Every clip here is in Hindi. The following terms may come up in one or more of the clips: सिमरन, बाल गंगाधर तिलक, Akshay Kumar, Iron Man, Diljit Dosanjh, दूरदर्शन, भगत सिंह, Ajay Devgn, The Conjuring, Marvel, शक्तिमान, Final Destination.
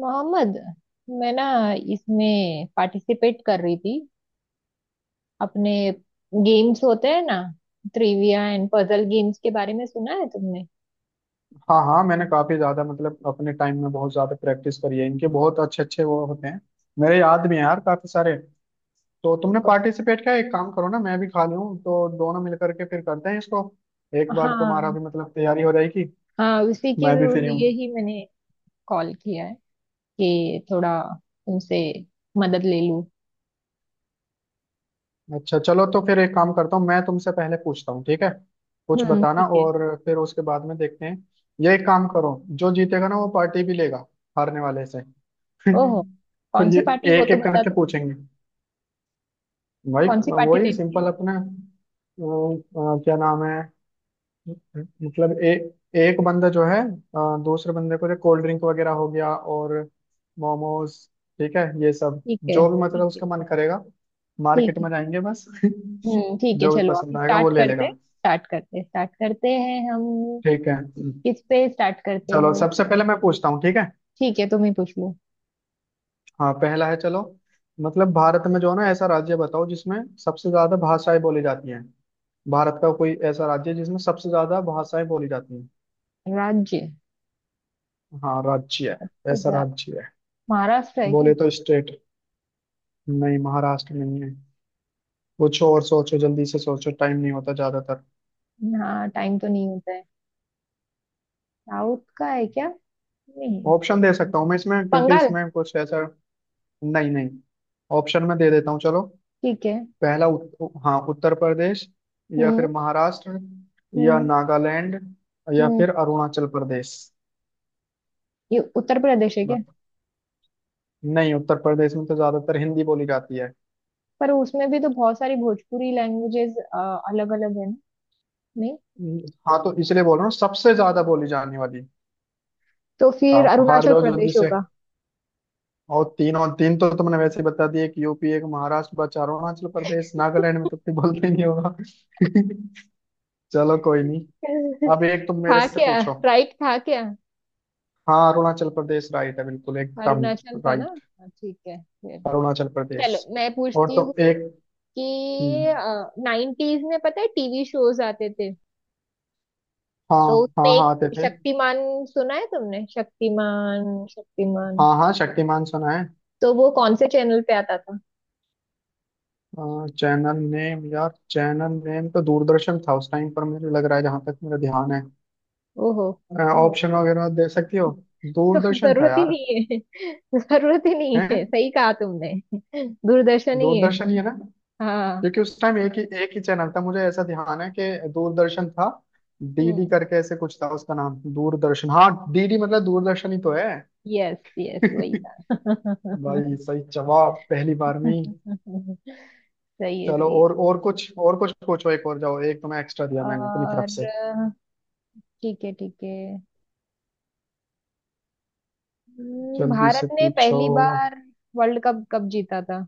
मोहम्मद, मैं ना इसमें पार्टिसिपेट कर रही थी। अपने गेम्स होते हैं ना, ट्रिविया एंड पजल गेम्स के बारे में सुना है तुमने? हाँ हाँ, मैंने काफी ज्यादा मतलब अपने टाइम में बहुत ज्यादा प्रैक्टिस करी है इनके। बहुत अच्छे अच्छे वो होते हैं। मेरे याद भी हैं यार काफी सारे। तो तुमने पार्टिसिपेट किया, एक काम करो ना, मैं भी खा लूँ तो दोनों मिलकर के फिर करते हैं इसको। एक बार तुम्हारा हाँ भी मतलब तैयारी हो जाएगी। हाँ, उसी के मैं भी फ्री हूँ। लिए ही मैंने कॉल किया है कि थोड़ा तुमसे मदद ले लूँ। अच्छा चलो, तो फिर एक काम करता हूँ, मैं तुमसे पहले पूछता हूँ ठीक है, कुछ हम्म, बताना ठीक है। और फिर उसके बाद में देखते हैं। ये एक काम करो, जो जीतेगा ना वो पार्टी भी लेगा हारने वाले से। ओहो, तो कौन सी ये पार्टी? वो एक तो एक बता करके दो, पूछेंगे। वही कौन सी पार्टी वही लेनी है? सिंपल अपने क्या नाम है। मतलब एक बंदा जो है दूसरे बंदे को, जो कोल्ड ड्रिंक वगैरह हो गया और मोमोज, ठीक है ये सब ठीक है, जो भी ठीक मतलब है, उसका मन करेगा। मार्केट ठीक में है। जाएंगे बस। हम्म, ठीक है जो भी चलो, अभी पसंद आएगा वो स्टार्ट ले करते लेगा। स्टार्ट करते स्टार्ट करते हैं हम। ठीक है किस पे स्टार्ट करते चलो, हैं? सबसे पहले मैं पूछता हूँ ठीक है। ठीक है, तुम ही पूछ लो। हाँ पहला है, चलो। मतलब भारत में जो है ना, ऐसा राज्य बताओ जिसमें सबसे ज्यादा भाषाएं बोली जाती हैं। भारत का कोई ऐसा राज्य जिसमें सबसे ज्यादा भाषाएं बोली जाती हैं। राज्य? हाँ राज्य है, ऐसा जा- राज्य है। महाराष्ट्र है क्या? बोले तो स्टेट। नहीं, महाराष्ट्र नहीं है। कुछ और सोचो, जल्दी से सोचो, टाइम नहीं होता ज्यादातर। हाँ, टाइम तो नहीं होता है। साउथ का है क्या? नहीं। ऑप्शन दे सकता हूँ मैं इसमें, क्योंकि बंगाल? इसमें कुछ ऐसा। नहीं नहीं, ऑप्शन में दे देता हूँ चलो। ठीक है। पहला हाँ उत्तर प्रदेश, या फिर हम्म, महाराष्ट्र, या हम्म, नागालैंड, या हम्म। फिर अरुणाचल प्रदेश। ये उत्तर प्रदेश है क्या? बत- नहीं, उत्तर प्रदेश में तो ज्यादातर हिंदी बोली जाती है। पर उसमें भी तो बहुत सारी भोजपुरी लैंग्वेजेस अलग अलग है ना? नहीं। हम्म, हाँ, तो इसलिए बोल रहा हूँ सबसे ज्यादा बोली जाने वाली। तो फिर आप हार अरुणाचल जाओ जल्दी प्रदेश से। होगा। और तीन, और तीन तो तुमने वैसे ही बता दिए, कि यूपी, एक महाराष्ट्र बचा अरुणाचल प्रदेश, नागालैंड में तो कोई बोलते ही नहीं होगा। चलो कोई नहीं, अब एक तुम मेरे था से क्या? पूछो। राइट था क्या? हाँ अरुणाचल प्रदेश राइट है बिल्कुल एकदम अरुणाचल था ना? राइट। हाँ, ठीक है फिर। अरुणाचल प्रदेश। चलो मैं और पूछती तो हूँ एक, कि हम्म, 90s में पता है टीवी शोज आते थे, हाँ तो उसमें हाँ, हाँ आते एक थे। शक्तिमान, सुना है तुमने? शक्तिमान शक्तिमान, हाँ हाँ, शक्तिमान सुना है। तो वो कौन से चैनल पे आता था? चैनल नेम यार, चैनल नेम तो दूरदर्शन था उस टाइम पर, मुझे लग रहा है जहां तक मेरा ध्यान है। ओहो, ओहो, ऑप्शन वगैरह दे सकती हो। तो दूरदर्शन था जरूरत ही यार। नहीं है। जरूरत ही नहीं हैं? है, सही कहा तुमने। दूरदर्शन ही है। दूरदर्शन ही है ना, हाँ। क्योंकि उस टाइम एक ही चैनल था, मुझे ऐसा ध्यान है कि दूरदर्शन था। डीडी हम्म, करके ऐसे कुछ था उसका नाम, दूरदर्शन, हाँ, डीडी मतलब दूरदर्शन ही तो है। यस यस, वही था। भाई सही जवाब पहली बार में ही। सही है, चलो सही है। और, और कुछ पूछो, एक और जाओ, एक तो मैं एक्स्ट्रा दिया मैंने अपनी तरफ और से। ठीक है, ठीक है। जल्दी से भारत ने पूछो। पहली बार वर्ल्ड कप कब जीता था?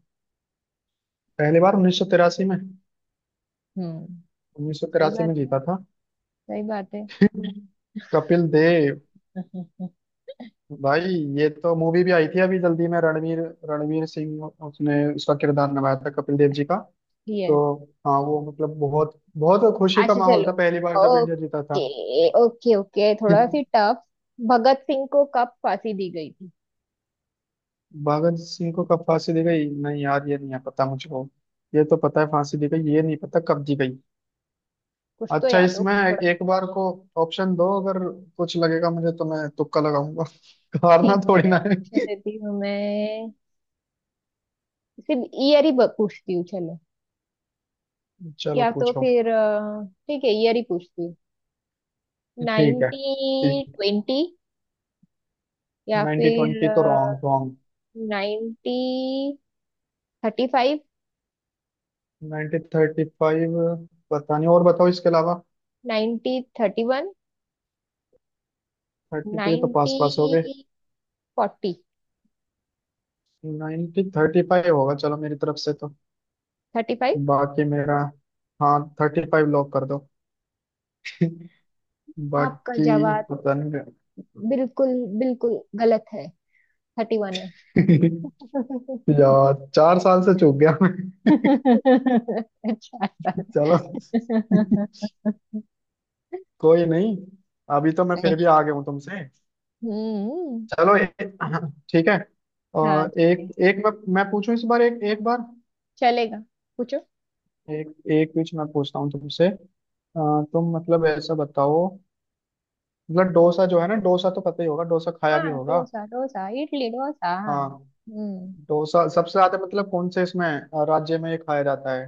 पहली बार उन्नीस सौ तिरासी में। हम्म, उन्नीस सौ सही तिरासी बात में है, जीता था, सही बात है। कपिल देव। भाई ये तो मूवी भी आई थी अभी जल्दी में, रणवीर, रणवीर सिंह, उसने उसका किरदार निभाया था कपिल देव जी का। तो यस। हाँ, वो मतलब बहुत बहुत खुशी का अच्छा माहौल चलो, था पहली बार जब इंडिया जीता था। ओके, ओके, ओके, थोड़ा सी टफ। भगत सिंह को कब फांसी दी गई थी? भगत सिंह को कब फांसी दी गई, नहीं यार ये नहीं है पता मुझको। ये तो पता है फांसी दी गई, ये नहीं पता कब दी गई। कुछ तो अच्छा, याद हो इसमें थोड़ा। एक बार को ऑप्शन दो, अगर कुछ लगेगा मुझे तो मैं तुक्का लगाऊंगा। हारना ठीक थोड़ी है, ना है। ऑप्शन देती हूँ मैं। सिर्फ ईयर ही पूछती हूँ चलो। चलो या तो पूछो। फिर ठीक है, ईयर ही पूछती हूँ। ठीक है, नाइनटी ठीक। ट्वेंटी या 90 फिर ट्वेंटी तो रॉन्ग, रॉन्ग। 1935, 90 थर्टी फाइव, पता नहीं और बताओ इसके अलावा। 1931, थर्टी पे तो पास नाइनटी पास हो गए। फोर्टी नाइनटी थर्टी फाइव होगा चलो मेरी तरफ से, तो 35 बाकी मेरा, हाँ थर्टी फाइव लॉक कर दो। आपका बाकी जवाब? पता नहीं। बिल्कुल, बिल्कुल गलत है, 31 है। यार चार साल से चूक गया मैं। अच्छा सर। चलो कोई नहीं, अभी तो मैं नहीं। फिर भी आगे हूँ तुमसे। हम्म। चलो ठीक है, हाँ और ठीक एक है, एक मैं पूछूं इस बार, एक एक बार। चलेगा, पूछो। एक एक बीच मैं पूछता हूँ तुमसे, तुम मतलब ऐसा बताओ, मतलब डोसा जो है ना, डोसा तो पता ही होगा, डोसा खाया भी हाँ, होगा। डोसा डोसा, इडली डोसा। हाँ, हम्म। डोसा सबसे ज्यादा मतलब कौन से इसमें राज्य में ये खाया जाता है।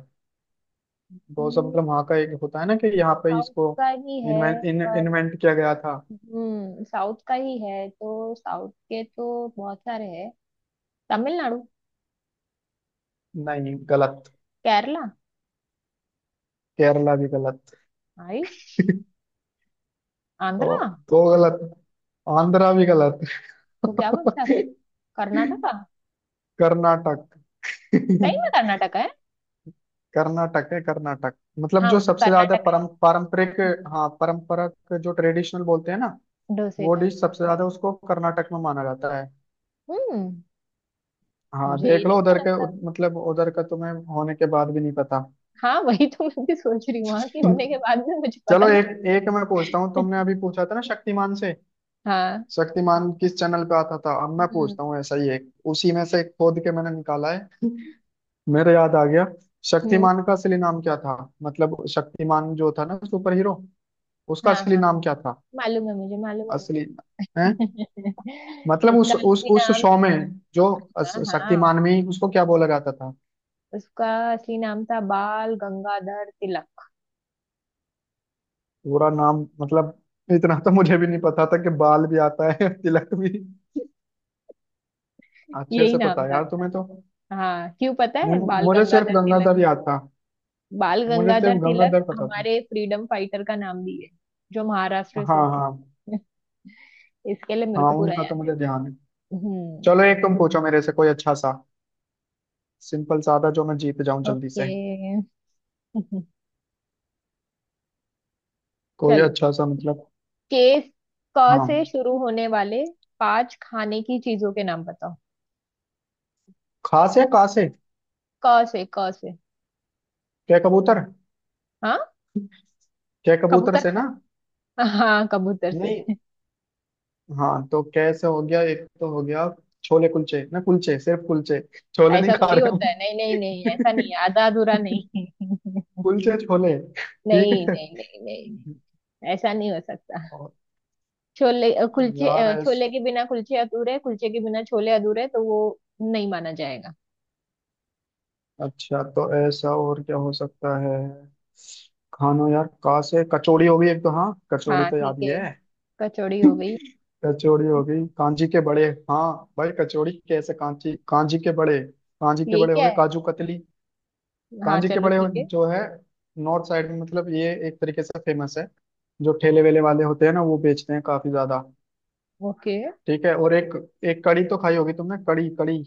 डोसा हम्म, मतलब वहाँ का एक होता है ना कि यहाँ पे साउथ इसको का ही है, पर इन्वेंट किया गया था। हम्म, साउथ का ही है तो साउथ के तो बहुत सारे हैं। तमिलनाडु? नहीं, गलत। केरला? केरला भी गलत। आयुष। तो आंध्रा? दो गलत, आंध्रा भी गलत। तो क्या बोलते हैं फिर? कर्नाटका? कर्नाटक। सही में कर्नाटका है? कर्नाटक है, कर्नाटक। मतलब हाँ, जो उसको सबसे ज्यादा कर्नाटका परम पारंपरिक, हाँ परंपरा, जो ट्रेडिशनल बोलते हैं ना, है डोसे वो का। डिश सबसे ज्यादा उसको कर्नाटक में माना जाता है। हम्म। हाँ मुझे ये देख नहीं लो, उधर मालूम के था। मतलब उधर का तुम्हें होने के बाद भी नहीं पता। हाँ वही तो मैं भी सोच रही हूँ वहां की होने के बाद में मुझे पता चलो, नहीं। एक एक मैं पूछता हूँ, तुमने अभी पूछा था ना शक्तिमान से, हाँ। शक्तिमान किस चैनल पे आता था, अब मैं हम्म, पूछता हूँ ऐसा ही एक, उसी में से खोद के मैंने निकाला है। मेरे याद आ गया। हम्म। शक्तिमान का असली नाम क्या था, मतलब शक्तिमान जो था ना, सुपर हीरो, उसका हाँ असली हाँ, नाम क्या था। मालूम है मुझे, मालूम है मुझे। असली है मतलब, उसका उस उस असली उस नाम शो था। में जो, हाँ हाँ, शक्तिमान में ही उसको क्या बोला जाता था। उसका असली नाम था बाल गंगाधर तिलक। पूरा नाम मतलब, इतना तो मुझे भी नहीं पता था कि बाल भी आता है तिलक भी। अच्छे यही से पता नाम है था यार उसका। तुम्हें तो। हाँ क्यों, पता नहीं, है बाल मुझे सिर्फ गंगाधर तिलक? गंगाधर याद था। बाल मुझे सिर्फ गंगाधर तिलक गंगाधर पता था। हमारे फ्रीडम फाइटर का नाम भी है, जो महाराष्ट्र से हाँ थे। हाँ। इसके लिए मेरे हाँ, को पूरा उनका तो याद है। मुझे ध्यान है। चलो, एक हम्म। तुम पूछो मेरे से, कोई अच्छा सा सिंपल सादा, जो मैं जीत जाऊं जल्दी ओके। से। कोई चलो, अच्छा सा मतलब, केस, क हाँ। से शुरू होने वाले पांच खाने की चीजों के नाम बताओ। खास या Fruits कासे? में, क से, क से। क्या कबूतर? हाँ, क्या कबूतर कबूतर से खा? ना? हाँ, कबूतर नहीं, से? हाँ तो कैसे हो गया एक तो, हो गया छोले कुलचे, ना कुलचे सिर्फ कुलचे, छोले नहीं ऐसा खा थोड़ी रहे होता है, नहीं नहीं नहीं, ऐसा नहीं हम। है, आधा अधूरा नहीं। कुलचे छोले, ठीक नहीं है। नहीं नहीं नहीं नहीं, ऐसा नहीं हो सकता। और छोले कुलचे, यार ऐस, छोले के बिना कुलचे अधूरे, कुलचे के बिना छोले अधूरे, तो वो नहीं माना जाएगा। अच्छा तो ऐसा और क्या हो सकता है खानो यार। कहाँ से कचौड़ी हो गई एक तो, हाँ कचौड़ी हाँ तो ठीक याद ही है, है। कचौड़ी हो गई। कचौड़ी हो गई, कांजी के बड़े, हाँ। भाई कचौड़ी, कैसे कांची, कांजी के बड़े, कांजी के ये बड़े हो क्या गए, है? काजू कतली। हाँ कांजी के चलो बड़े ठीक है। जो है, नॉर्थ साइड में मतलब ये एक तरीके से फेमस है, जो ठेले वेले वाले होते हैं ना वो बेचते हैं काफी ज्यादा। ओके। ठीक है, और एक, एक कड़ी तो खाई होगी तुमने, कड़ी कड़ी,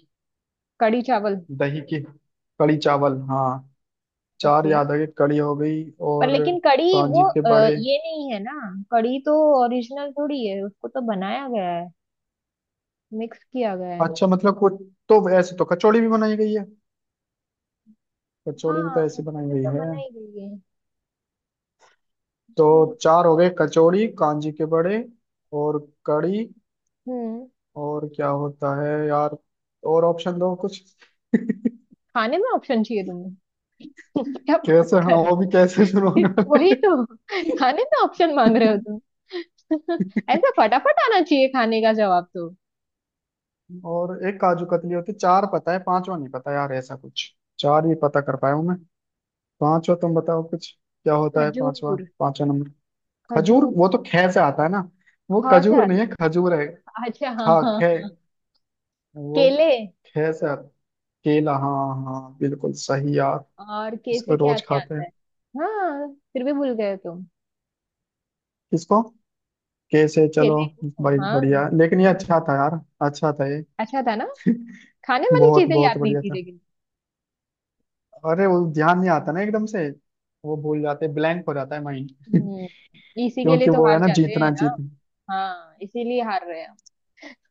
कढ़ी चावल। दही की कड़ी, चावल, हाँ। चार ओके, याद आ गए, कड़ी हो गई पर और लेकिन कढ़ी कांजी वो के बड़े। ये नहीं है ना? कढ़ी तो ओरिजिनल थोड़ी है, उसको तो बनाया गया है, मिक्स किया गया है। अच्छा मतलब कुछ, तो ऐसे तो कचौड़ी भी बनाई गई है, कचौड़ी भी हाँ तो ऐसी तो बनाई ये गई तो है, बनाई गई है। तो हम्म। चार हो गए, कचौड़ी, कांजी के बड़े और कड़ी। हम्म। और क्या होता है यार, और ऑप्शन दो कुछ। खाने में ऑप्शन चाहिए तुम्हें? क्या बात कैसे, हाँ कर वो भी रहे कैसे शुरू होने हो? वही वाले। तो, खाने में ऑप्शन मांग रहे हो तुम। ऐसा फटाफट आना चाहिए खाने का जवाब तो। और एक काजू कतली होती, चार पता है पांचवा नहीं पता यार, ऐसा कुछ, चार ही पता कर पाया हूं मैं। पांचवा तुम बताओ कुछ, क्या होता है पांचवा, खजूर, पांचवा नंबर। खजूर? खजूर। वो तो खे से आता है ना, ख वो से खजूर नहीं आता? है, खजूर है अच्छा हाँ खा हाँ। खे। वो केले। खे से केला, हाँ हाँ, बिल्कुल सही यार, और के इसको से क्या रोज क्या खाते आता हैं। है? हाँ, फिर भी भूल गए तुम किसको? कैसे, चलो। केले को। भाई हाँ, बढ़िया, लेकिन ये अच्छा था यार, अच्छा था ये, अच्छा था ना, खाने वाली बहुत चीजें बहुत याद नहीं बढ़िया थी था। लेकिन। अरे वो ध्यान नहीं आता ना एकदम से, वो भूल जाते, ब्लैंक हो जाता है माइंड। हम्म, इसी के लिए क्योंकि तो वो है हार ना, जाते जीतना हैं ना। जीतना। हाँ, इसीलिए हार रहे हैं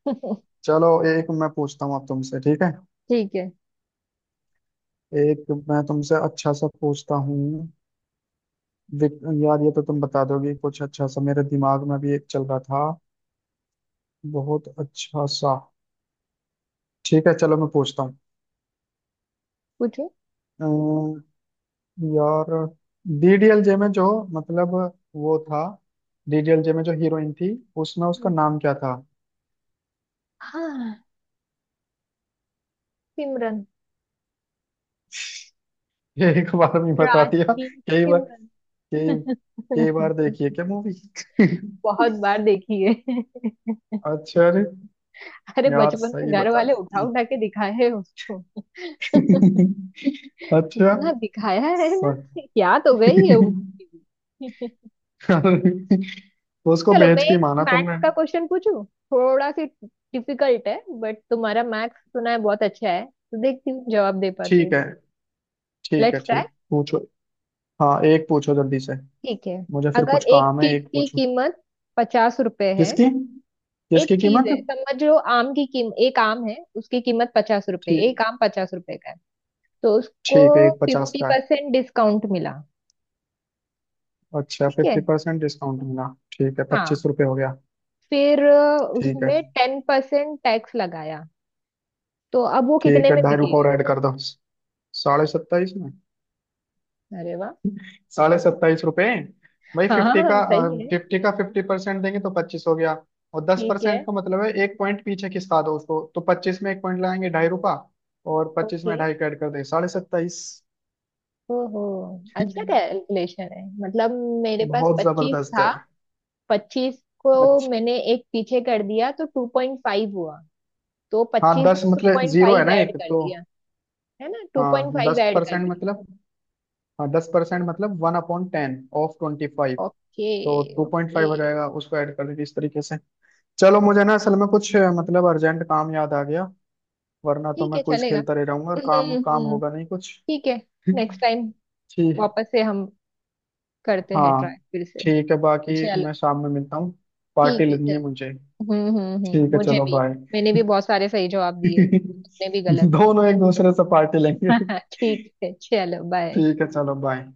हम। चलो, एक मैं पूछता हूँ अब तुमसे ठीक है। ठीक है, एक मैं तुमसे अच्छा सा पूछता हूँ। यार ये तो तुम बता दोगी कुछ अच्छा सा, मेरे दिमाग में भी एक चल रहा था बहुत अच्छा सा। ठीक है चलो, मैं पूछता हूँ। पूछो। अम, यार डीडीएलजे में जो, मतलब वो था, डीडीएलजे में जो हीरोइन थी, उसमें उसका नाम क्या था। हाँ, सिमरन। ये एक बार में बता राज दिया, की कई बार सिमरन। के बार देखिए क्या मूवी। बहुत बार देखी है। अच्छा अरे, अरे, यार बचपन में सही घर बता वाले उठा दी। उठा के दिखाए हैं उसको। अच्छा, इतना दिखाया है ना, सॉरी। याद हो गई है वो। उसको चलो मैं भेज के ही एक माना तुमने। मैथ्स का क्वेश्चन पूछूं, थोड़ा सी डिफिकल्ट है, बट तुम्हारा मैथ्स सुना है बहुत अच्छा है, तो देखती हूँ जवाब दे पाती ठीक हूँ। है, ठीक है, लेट्स ट्राई। ठीक, पूछो। हाँ एक पूछो जल्दी से, ठीक है, मुझे फिर अगर कुछ एक काम है, चीज एक की पूछो। कीमत ₹50 है। किसकी? एक किसकी चीज कीमत? है, समझ लो आम की कीम, एक आम है, उसकी कीमत ₹50, ठीक, एक आम ₹50 का है। तो उसको ठीक है, एक पचास फिफ्टी का है। परसेंट डिस्काउंट मिला। अच्छा ठीक है। फिफ्टी परसेंट डिस्काउंट मिला। ठीक है हाँ, पच्चीस रुपये हो गया। फिर ठीक है, उसमें 10% टैक्स लगाया, तो अब वो ठीक कितने है, में ढाई रुपये बिकेगा? रेड कर दो, साढ़े सत्ताईस में। अरे वाह। साढ़े सत्ताईस रुपए। भाई हाँ फिफ्टी हाँ, का, सही है। फिफ्टी का फिफ्टी परसेंट देंगे तो पच्चीस हो गया, और दस ठीक परसेंट है। का मतलब है एक पॉइंट पीछे खिसका दो उसको, तो पच्चीस में एक पॉइंट लगाएंगे ढाई रुपया, और पच्चीस ओके, में ढाई का ऐड कर देंगे साढ़े सत्ताईस। ओहो, अच्छा कैलकुलेशन है मतलब। मेरे पास बहुत 25 जबरदस्त था, है। 25 को अच्छा, मैंने एक पीछे कर दिया, तो 2.5 हुआ। तो हाँ 25 दस में टू मतलब पॉइंट जीरो है फाइव ना ऐड एक कर तो, दिया। है ना? टू हाँ पॉइंट फाइव दस ऐड कर परसेंट दिया। मतलब, हाँ दस परसेंट मतलब one upon ten of twenty five, okay, तो टू पॉइंट ओके। फाइव हो जाएगा, उसको ऐड कर दीजिए इस तरीके से। चलो मुझे ना असल में कुछ मतलब अर्जेंट काम याद आ गया, वरना तो ठीक मैं है, क्विज चलेगा। खेलता रह जाऊंगा और हम्म, काम हम्म, काम हम्म। होगा नहीं कुछ। ठीक है, नेक्स्ट टाइम ठीक। वापस से हम करते हैं हाँ ट्राई फिर से। ठीक है, बाकी चलो, मैं शाम में मिलता हूँ, ठीक पार्टी है लेनी है चलो। मुझे। हम्म, ठीक है मुझे चलो, भी बाय। मैंने भी बहुत सारे सही जवाब दिए, तुमने भी गलत। दोनों एक दूसरे से पार्टी लेंगे। ठीक है, चलो बाय। ठीक है चलो बाय।